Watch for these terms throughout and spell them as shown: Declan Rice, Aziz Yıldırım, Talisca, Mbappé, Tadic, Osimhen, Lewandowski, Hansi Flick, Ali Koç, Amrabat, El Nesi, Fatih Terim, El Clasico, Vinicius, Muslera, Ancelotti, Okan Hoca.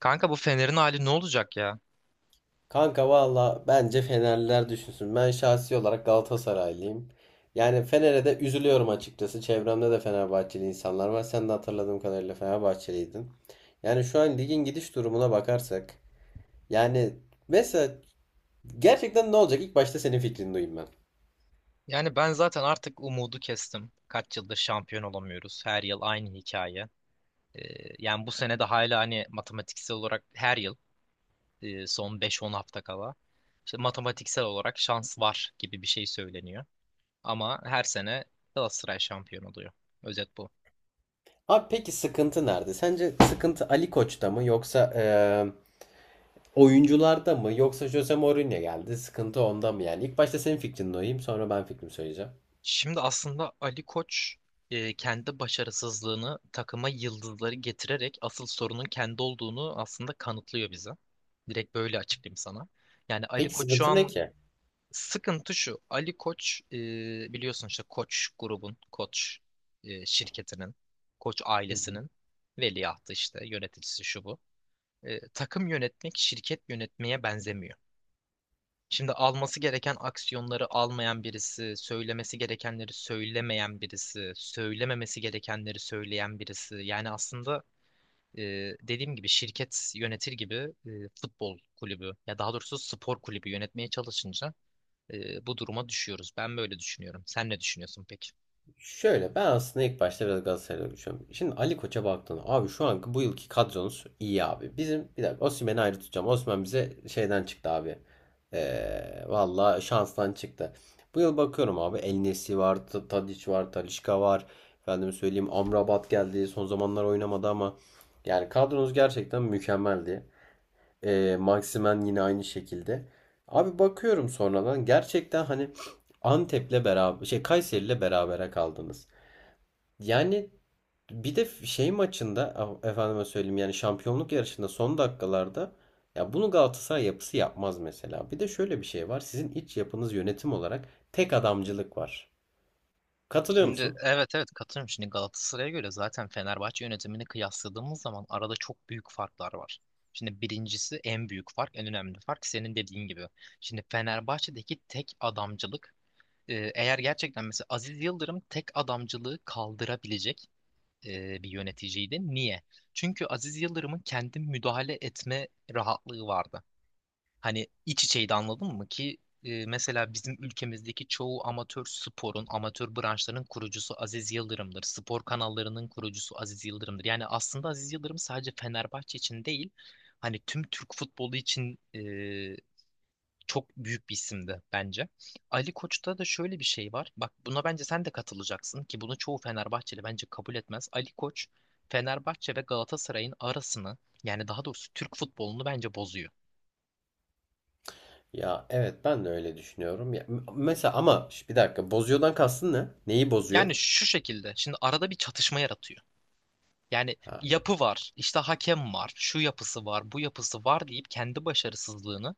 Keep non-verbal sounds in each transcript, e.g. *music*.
Kanka bu Fener'in hali ne olacak ya? Kanka valla bence Fenerliler düşünsün. Ben şahsi olarak Galatasaraylıyım. Yani Fener'e de üzülüyorum açıkçası. Çevremde de Fenerbahçeli insanlar var. Sen de hatırladığım kadarıyla Fenerbahçeliydin. Yani şu an ligin gidiş durumuna bakarsak. Yani mesela gerçekten ne olacak? İlk başta senin fikrini duyayım ben. Yani ben zaten artık umudu kestim. Kaç yıldır şampiyon olamıyoruz. Her yıl aynı hikaye. Ee, yani bu sene de hala hani matematiksel olarak her yıl son beş on hafta kala işte matematiksel olarak şans var gibi bir şey söyleniyor. Ama her sene Galatasaray şampiyon oluyor. Özet bu. Abi peki sıkıntı nerede? Sence sıkıntı Ali Koç'ta mı yoksa oyuncularda mı yoksa Jose Mourinho geldi? Sıkıntı onda mı yani? İlk başta senin fikrini duyayım, sonra ben fikrimi söyleyeceğim. Şimdi aslında Ali Koç kendi başarısızlığını takıma yıldızları getirerek asıl sorunun kendi olduğunu aslında kanıtlıyor bize. Direkt böyle açıklayayım sana. Yani Ali Peki Koç şu sıkıntı ne an ki? sıkıntı şu. Ali Koç biliyorsun işte Koç grubun, Koç şirketinin, Koç ailesinin veliahtı işte yöneticisi şu bu. E, takım yönetmek şirket yönetmeye benzemiyor. Şimdi alması gereken aksiyonları almayan birisi, söylemesi gerekenleri söylemeyen birisi, söylememesi gerekenleri söyleyen birisi. Yani aslında e, dediğim gibi şirket yönetir gibi e, futbol kulübü ya daha doğrusu spor kulübü yönetmeye çalışınca bu duruma düşüyoruz. Ben böyle düşünüyorum. Sen ne düşünüyorsun peki? Şöyle, ben aslında ilk başta biraz Galatasaray'da konuşuyorum. Şimdi Ali Koç'a baktığında abi, şu anki bu yılki kadronuz iyi abi. Bizim, bir dakika, Osimhen'i ayrı tutacağım. Osimhen bize şeyden çıktı abi. Valla şanstan çıktı. Bu yıl bakıyorum abi, El Nesi var, Tadic var, Talisca var. Efendim söyleyeyim, Amrabat geldi. Son zamanlar oynamadı ama yani kadronuz gerçekten mükemmeldi. Maximen yine aynı şekilde. Abi bakıyorum sonradan gerçekten hani Antep'le beraber, şey, Kayseri'yle berabere kaldınız. Yani bir de şey maçında efendime söyleyeyim, yani şampiyonluk yarışında son dakikalarda, ya bunu Galatasaray yapısı yapmaz mesela. Bir de şöyle bir şey var. Sizin iç yapınız yönetim olarak tek adamcılık var. Katılıyor Şimdi musun? evet, evet, katılıyorum. Şimdi Galatasaray'a göre zaten Fenerbahçe yönetimini kıyasladığımız zaman arada çok büyük farklar var. Şimdi birincisi en büyük fark, en önemli fark senin dediğin gibi. Şimdi Fenerbahçe'deki tek adamcılık eğer gerçekten mesela Aziz Yıldırım tek adamcılığı kaldırabilecek bir yöneticiydi. Niye? Çünkü Aziz Yıldırım'ın kendi müdahale etme rahatlığı vardı. Hani iç içeydi anladın mı ki mesela bizim ülkemizdeki çoğu amatör sporun, amatör branşların kurucusu Aziz Yıldırım'dır. Spor kanallarının kurucusu Aziz Yıldırım'dır. Yani aslında Aziz Yıldırım sadece Fenerbahçe için değil, hani tüm Türk futbolu için çok büyük bir isimdi bence. Ali Koç'ta da şöyle bir şey var. Bak buna bence sen de katılacaksın ki bunu çoğu Fenerbahçeli bence kabul etmez. Ali Koç Fenerbahçe ve Galatasaray'ın arasını yani daha doğrusu Türk futbolunu bence bozuyor. Ya evet, ben de öyle düşünüyorum. Ya, mesela ama, bir dakika, bozuyordan kastın ne? Neyi bozuyor? Yani şu şekilde şimdi arada bir çatışma yaratıyor. Yani Ha. yapı var, işte hakem var, şu yapısı var, bu yapısı var deyip kendi başarısızlığını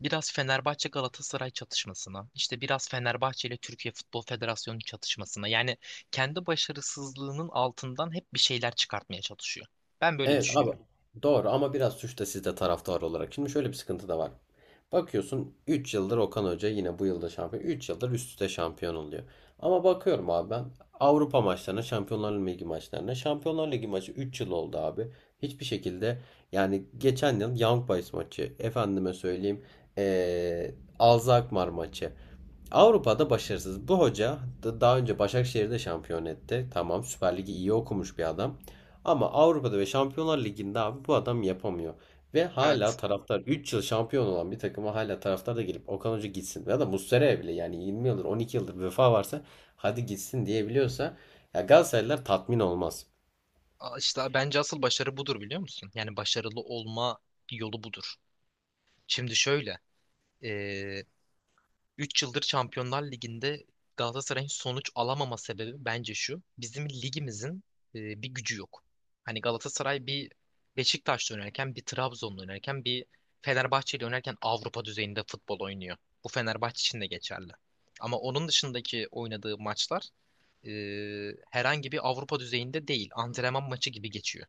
biraz Fenerbahçe Galatasaray çatışmasına, işte biraz Fenerbahçe ile Türkiye Futbol Federasyonu çatışmasına yani kendi başarısızlığının altından hep bir şeyler çıkartmaya çalışıyor. Ben böyle Evet abi, düşünüyorum. doğru, ama biraz suç da sizde taraftar olarak. Şimdi şöyle bir sıkıntı da var. Bakıyorsun, 3 yıldır Okan Hoca yine bu yılda şampiyon. Üç yıldır üst üste şampiyon oluyor. Ama bakıyorum abi ben Avrupa maçlarına, Şampiyonlar Ligi maçlarına. Şampiyonlar Ligi maçı 3 yıl oldu abi. Hiçbir şekilde, yani geçen yıl Young Boys maçı, efendime söyleyeyim, Alzheimer maçı. Avrupa'da başarısız. Bu hoca daha önce Başakşehir'de şampiyon etti. Tamam, Süper Lig'i iyi okumuş bir adam. Ama Avrupa'da ve Şampiyonlar Ligi'nde abi bu adam yapamıyor. Ve Evet. hala taraftar, 3 yıl şampiyon olan bir takıma hala taraftar da gelip Okan Hoca gitsin ya da Muslera'ya bile, yani 20 yıldır, 12 yıldır bir vefa varsa hadi gitsin diyebiliyorsa, ya Galatasaraylılar tatmin olmaz. İşte bence asıl başarı budur, biliyor musun? Yani başarılı olma yolu budur. Şimdi şöyle, üç yıldır Şampiyonlar Ligi'nde Galatasaray'ın sonuç alamama sebebi bence şu. Bizim ligimizin bir gücü yok. Hani Galatasaray bir Beşiktaş'ta oynarken, bir Trabzon'da oynarken, bir Fenerbahçe'yle oynarken Avrupa düzeyinde futbol oynuyor. Bu Fenerbahçe için de geçerli. Ama onun dışındaki oynadığı maçlar e, herhangi bir Avrupa düzeyinde değil. Antrenman maçı gibi geçiyor.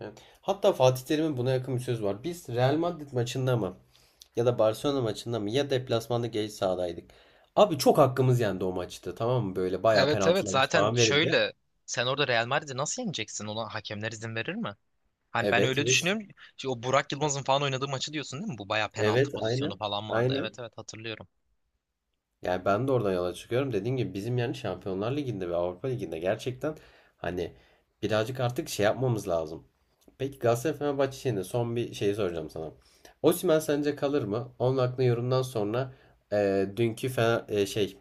Evet. Hatta Fatih Terim'in buna yakın bir sözü var. Biz Real Madrid maçında mı ya da Barcelona maçında mı, ya deplasmanda geç sahadaydık. Abi çok hakkımız yendi o maçta, tamam mı? Böyle bayağı Evet, evet, penaltılarımız zaten falan verildi. şöyle sen orada Real Madrid'i nasıl yeneceksin? Ona hakemler izin verir mi? Hani ben Evet öyle ve düşünüyorum. Şimdi o Burak Yılmaz'ın falan oynadığı maçı diyorsun değil mi? Bu bayağı penaltı evet, pozisyonu aynen. falan vardı. Aynen. Evet, evet, hatırlıyorum. Yani ben de oradan yola çıkıyorum. Dediğim gibi bizim yani Şampiyonlar Ligi'nde ve Avrupa Ligi'nde gerçekten hani birazcık artık şey yapmamız lazım. Peki Galatasaray Fenerbahçe şeyinde son bir şeyi soracağım sana. Osimhen sence kalır mı? Onun hakkında yorumdan sonra, dünkü Fener, şey,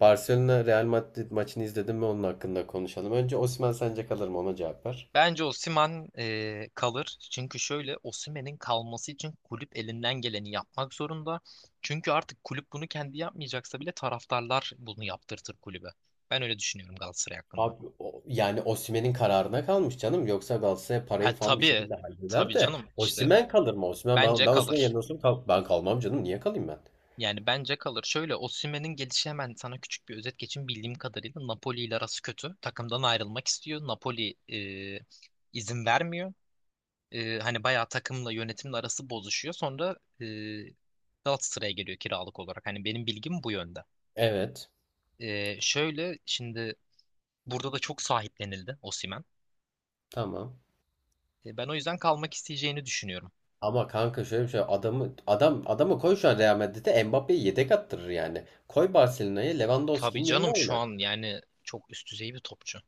Barcelona Real Madrid maçını izledim mi onun hakkında konuşalım. Önce Osimhen sence kalır mı? Ona cevap ver. Bence Osimhen kalır. Çünkü şöyle Osimhen'in kalması için kulüp elinden geleni yapmak zorunda. Çünkü artık kulüp bunu kendi yapmayacaksa bile taraftarlar bunu yaptırtır kulübe. Ben öyle düşünüyorum Galatasaray hakkında. Abi, yani Osimhen'in kararına kalmış canım. Yoksa Galatasaray Ha, parayı falan bir tabii, şekilde halleder tabii de canım işte Osimhen kalır mı? Osimhen, ben bence ben Osimhen kalır. yerine olsam ben kalmam canım. Niye kalayım ben? Yani bence kalır. Şöyle Osimhen'in gelişi hemen sana küçük bir özet geçeyim. Bildiğim kadarıyla Napoli ile arası kötü. Takımdan ayrılmak istiyor. Napoli izin vermiyor. E, hani bayağı takımla yönetimle arası bozuşuyor. Sonra Galatasaray'a geliyor kiralık olarak. Hani benim bilgim bu yönde. Evet. Şöyle şimdi burada da çok sahiplenildi Osimhen. Tamam. E, ben o yüzden kalmak isteyeceğini düşünüyorum. Ama kanka şöyle bir şey, adamı koy şu an Real Madrid'e, Mbappé'yi yedek attırır yani. Koy Barcelona'ya, Tabii Lewandowski'nin yerine canım şu oynar. an yani çok üst düzey bir topçu.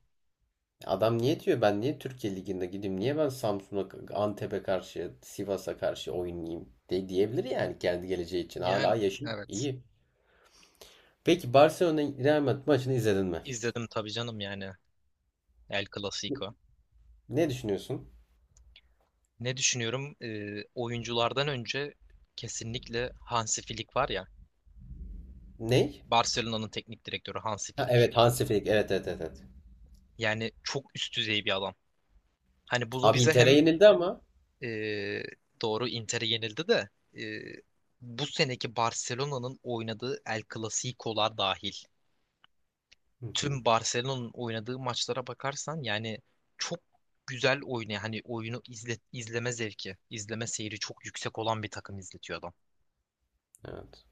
Adam niye diyor ben niye Türkiye Ligi'nde gideyim? Niye ben Samsun'a, Antep'e karşı, Sivas'a karşı oynayayım de, diyebilir yani kendi geleceği için. Yani Hala yaşım evet. iyi. Peki Barcelona Real Madrid maçını izledin mi? İzledim tabii canım, yani El Clasico. Ne düşünüyorsun? Ne düşünüyorum? Oyunculardan önce kesinlikle Hansi Flick var ya. Ney? Barcelona'nın teknik direktörü Hansi Ha, Flick. evet, Hansi Flick. Evet, evet, evet. Evet. Yani çok üst düzey bir adam. Hani bunu Abi bize Inter'e hem yenildi ama. e, doğru Inter'e yenildi de e, bu seneki Barcelona'nın oynadığı El Clasico'lar dahil. Hı hı. Tüm Barcelona'nın oynadığı maçlara bakarsan yani çok güzel oynuyor. Hani oyunu izle, izleme zevki, izleme seyri çok yüksek olan bir takım izletiyor adam. Evet.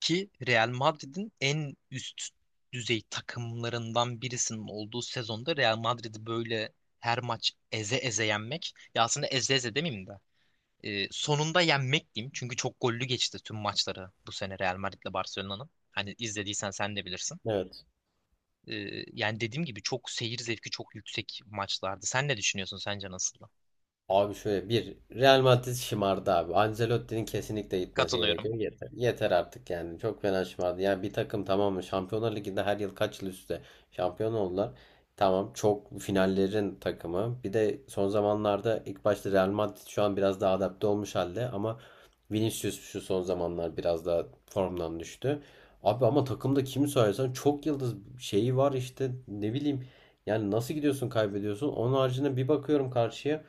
Ki Real Madrid'in en üst düzey takımlarından birisinin olduğu sezonda Real Madrid'i böyle her maç eze eze yenmek, ya aslında eze eze demeyeyim de sonunda yenmek diyeyim, çünkü çok gollü geçti tüm maçları bu sene Real Madrid'le Barcelona'nın. Hani izlediysen sen de bilirsin. Evet. E, yani dediğim gibi çok seyir zevki çok yüksek maçlardı. Sen ne düşünüyorsun, sence nasıldı? Abi şöyle, bir Real Madrid şımardı abi. Ancelotti'nin kesinlikle gitmesi Katılıyorum. gerekiyor. Yeter. Yeter artık yani. Çok fena şımardı. Yani bir takım, tamam mı? Şampiyonlar Ligi'nde her yıl, kaç yıl üstte şampiyon oldular. Tamam, çok finallerin takımı. Bir de son zamanlarda ilk başta Real Madrid şu an biraz daha adapte olmuş halde ama Vinicius şu son zamanlar biraz daha formdan düştü. Abi ama takımda kimi sayarsan çok yıldız şeyi var işte, ne bileyim. Yani nasıl gidiyorsun, kaybediyorsun. Onun haricinde bir bakıyorum karşıya.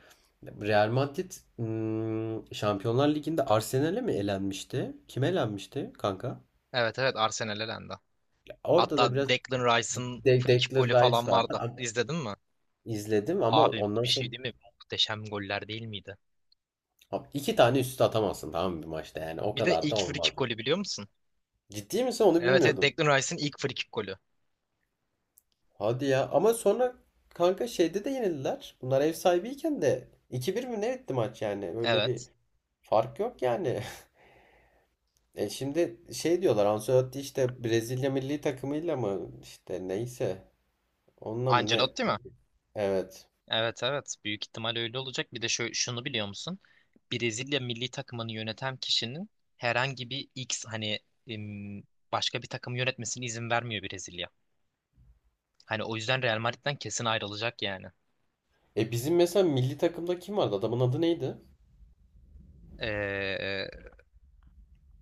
Real Madrid Şampiyonlar Ligi'nde Arsenal'e mi elenmişti? Kim elenmişti kanka? Evet, evet, Arsenal elendi. Ya orada Hatta da biraz Declan Rice'ın frikik Declan golü falan Rice vardı. vardı. Abi, İzledin mi? İzledim ama Abi ondan bir sonra, şey değil mi? Muhteşem goller değil miydi? abi iki tane üst üste atamazsın, tamam mı, bir maçta, yani o Bir de kadar da ilk free olmaz kick yani. golü biliyor musun? Ciddi misin? Onu Evet, evet, bilmiyordum. Declan Rice'ın ilk free kick golü. Hadi ya, ama sonra kanka şeyde de yenildiler. Bunlar ev sahibiyken de iki bir mi ne etti maç, yani öyle bir Evet. fark yok yani. *laughs* E şimdi şey diyorlar, Ancelotti işte Brezilya milli takımıyla mı, işte neyse, onunla mı ne? Ancelotti mi? Evet. Evet, evet. Büyük ihtimal öyle olacak. Bir de şunu biliyor musun? Brezilya milli takımını yöneten kişinin herhangi bir X hani em, başka bir takım yönetmesine izin vermiyor Brezilya. Hani o yüzden Real Madrid'den kesin ayrılacak yani. E bizim mesela milli takımda kim vardı? Adamın adı neydi? Ee,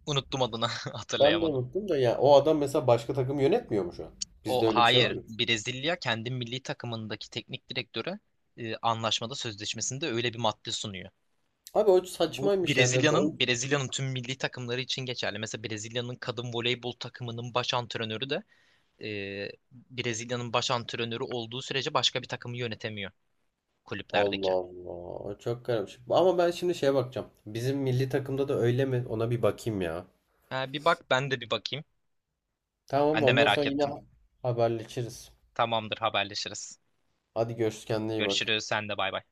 unuttum adını *laughs* Ben de hatırlayamadım. unuttum da, ya o adam mesela başka takım yönetmiyor mu şu an? O Bizde öyle bir şey var hayır. mı? Brezilya kendi milli takımındaki teknik direktöre anlaşmada sözleşmesinde öyle bir madde sunuyor. Abi o Bu saçmaymış yani. Brezilya'nın tüm milli takımları için geçerli. Mesela Brezilya'nın kadın voleybol takımının baş antrenörü de e, Brezilya'nın baş antrenörü olduğu sürece başka bir takımı yönetemiyor Allah kulüplerdeki. Allah. O çok garipmiş. Ama ben şimdi şeye bakacağım. Bizim milli takımda da öyle mi? Ona bir bakayım ya. Ha, bir bak, ben de bir bakayım. Tamam, Ben de ondan sonra merak yine ettim. haberleşiriz. Tamamdır, haberleşiriz. Hadi görüşürüz, kendine iyi bak. Görüşürüz, sen de, bay bay.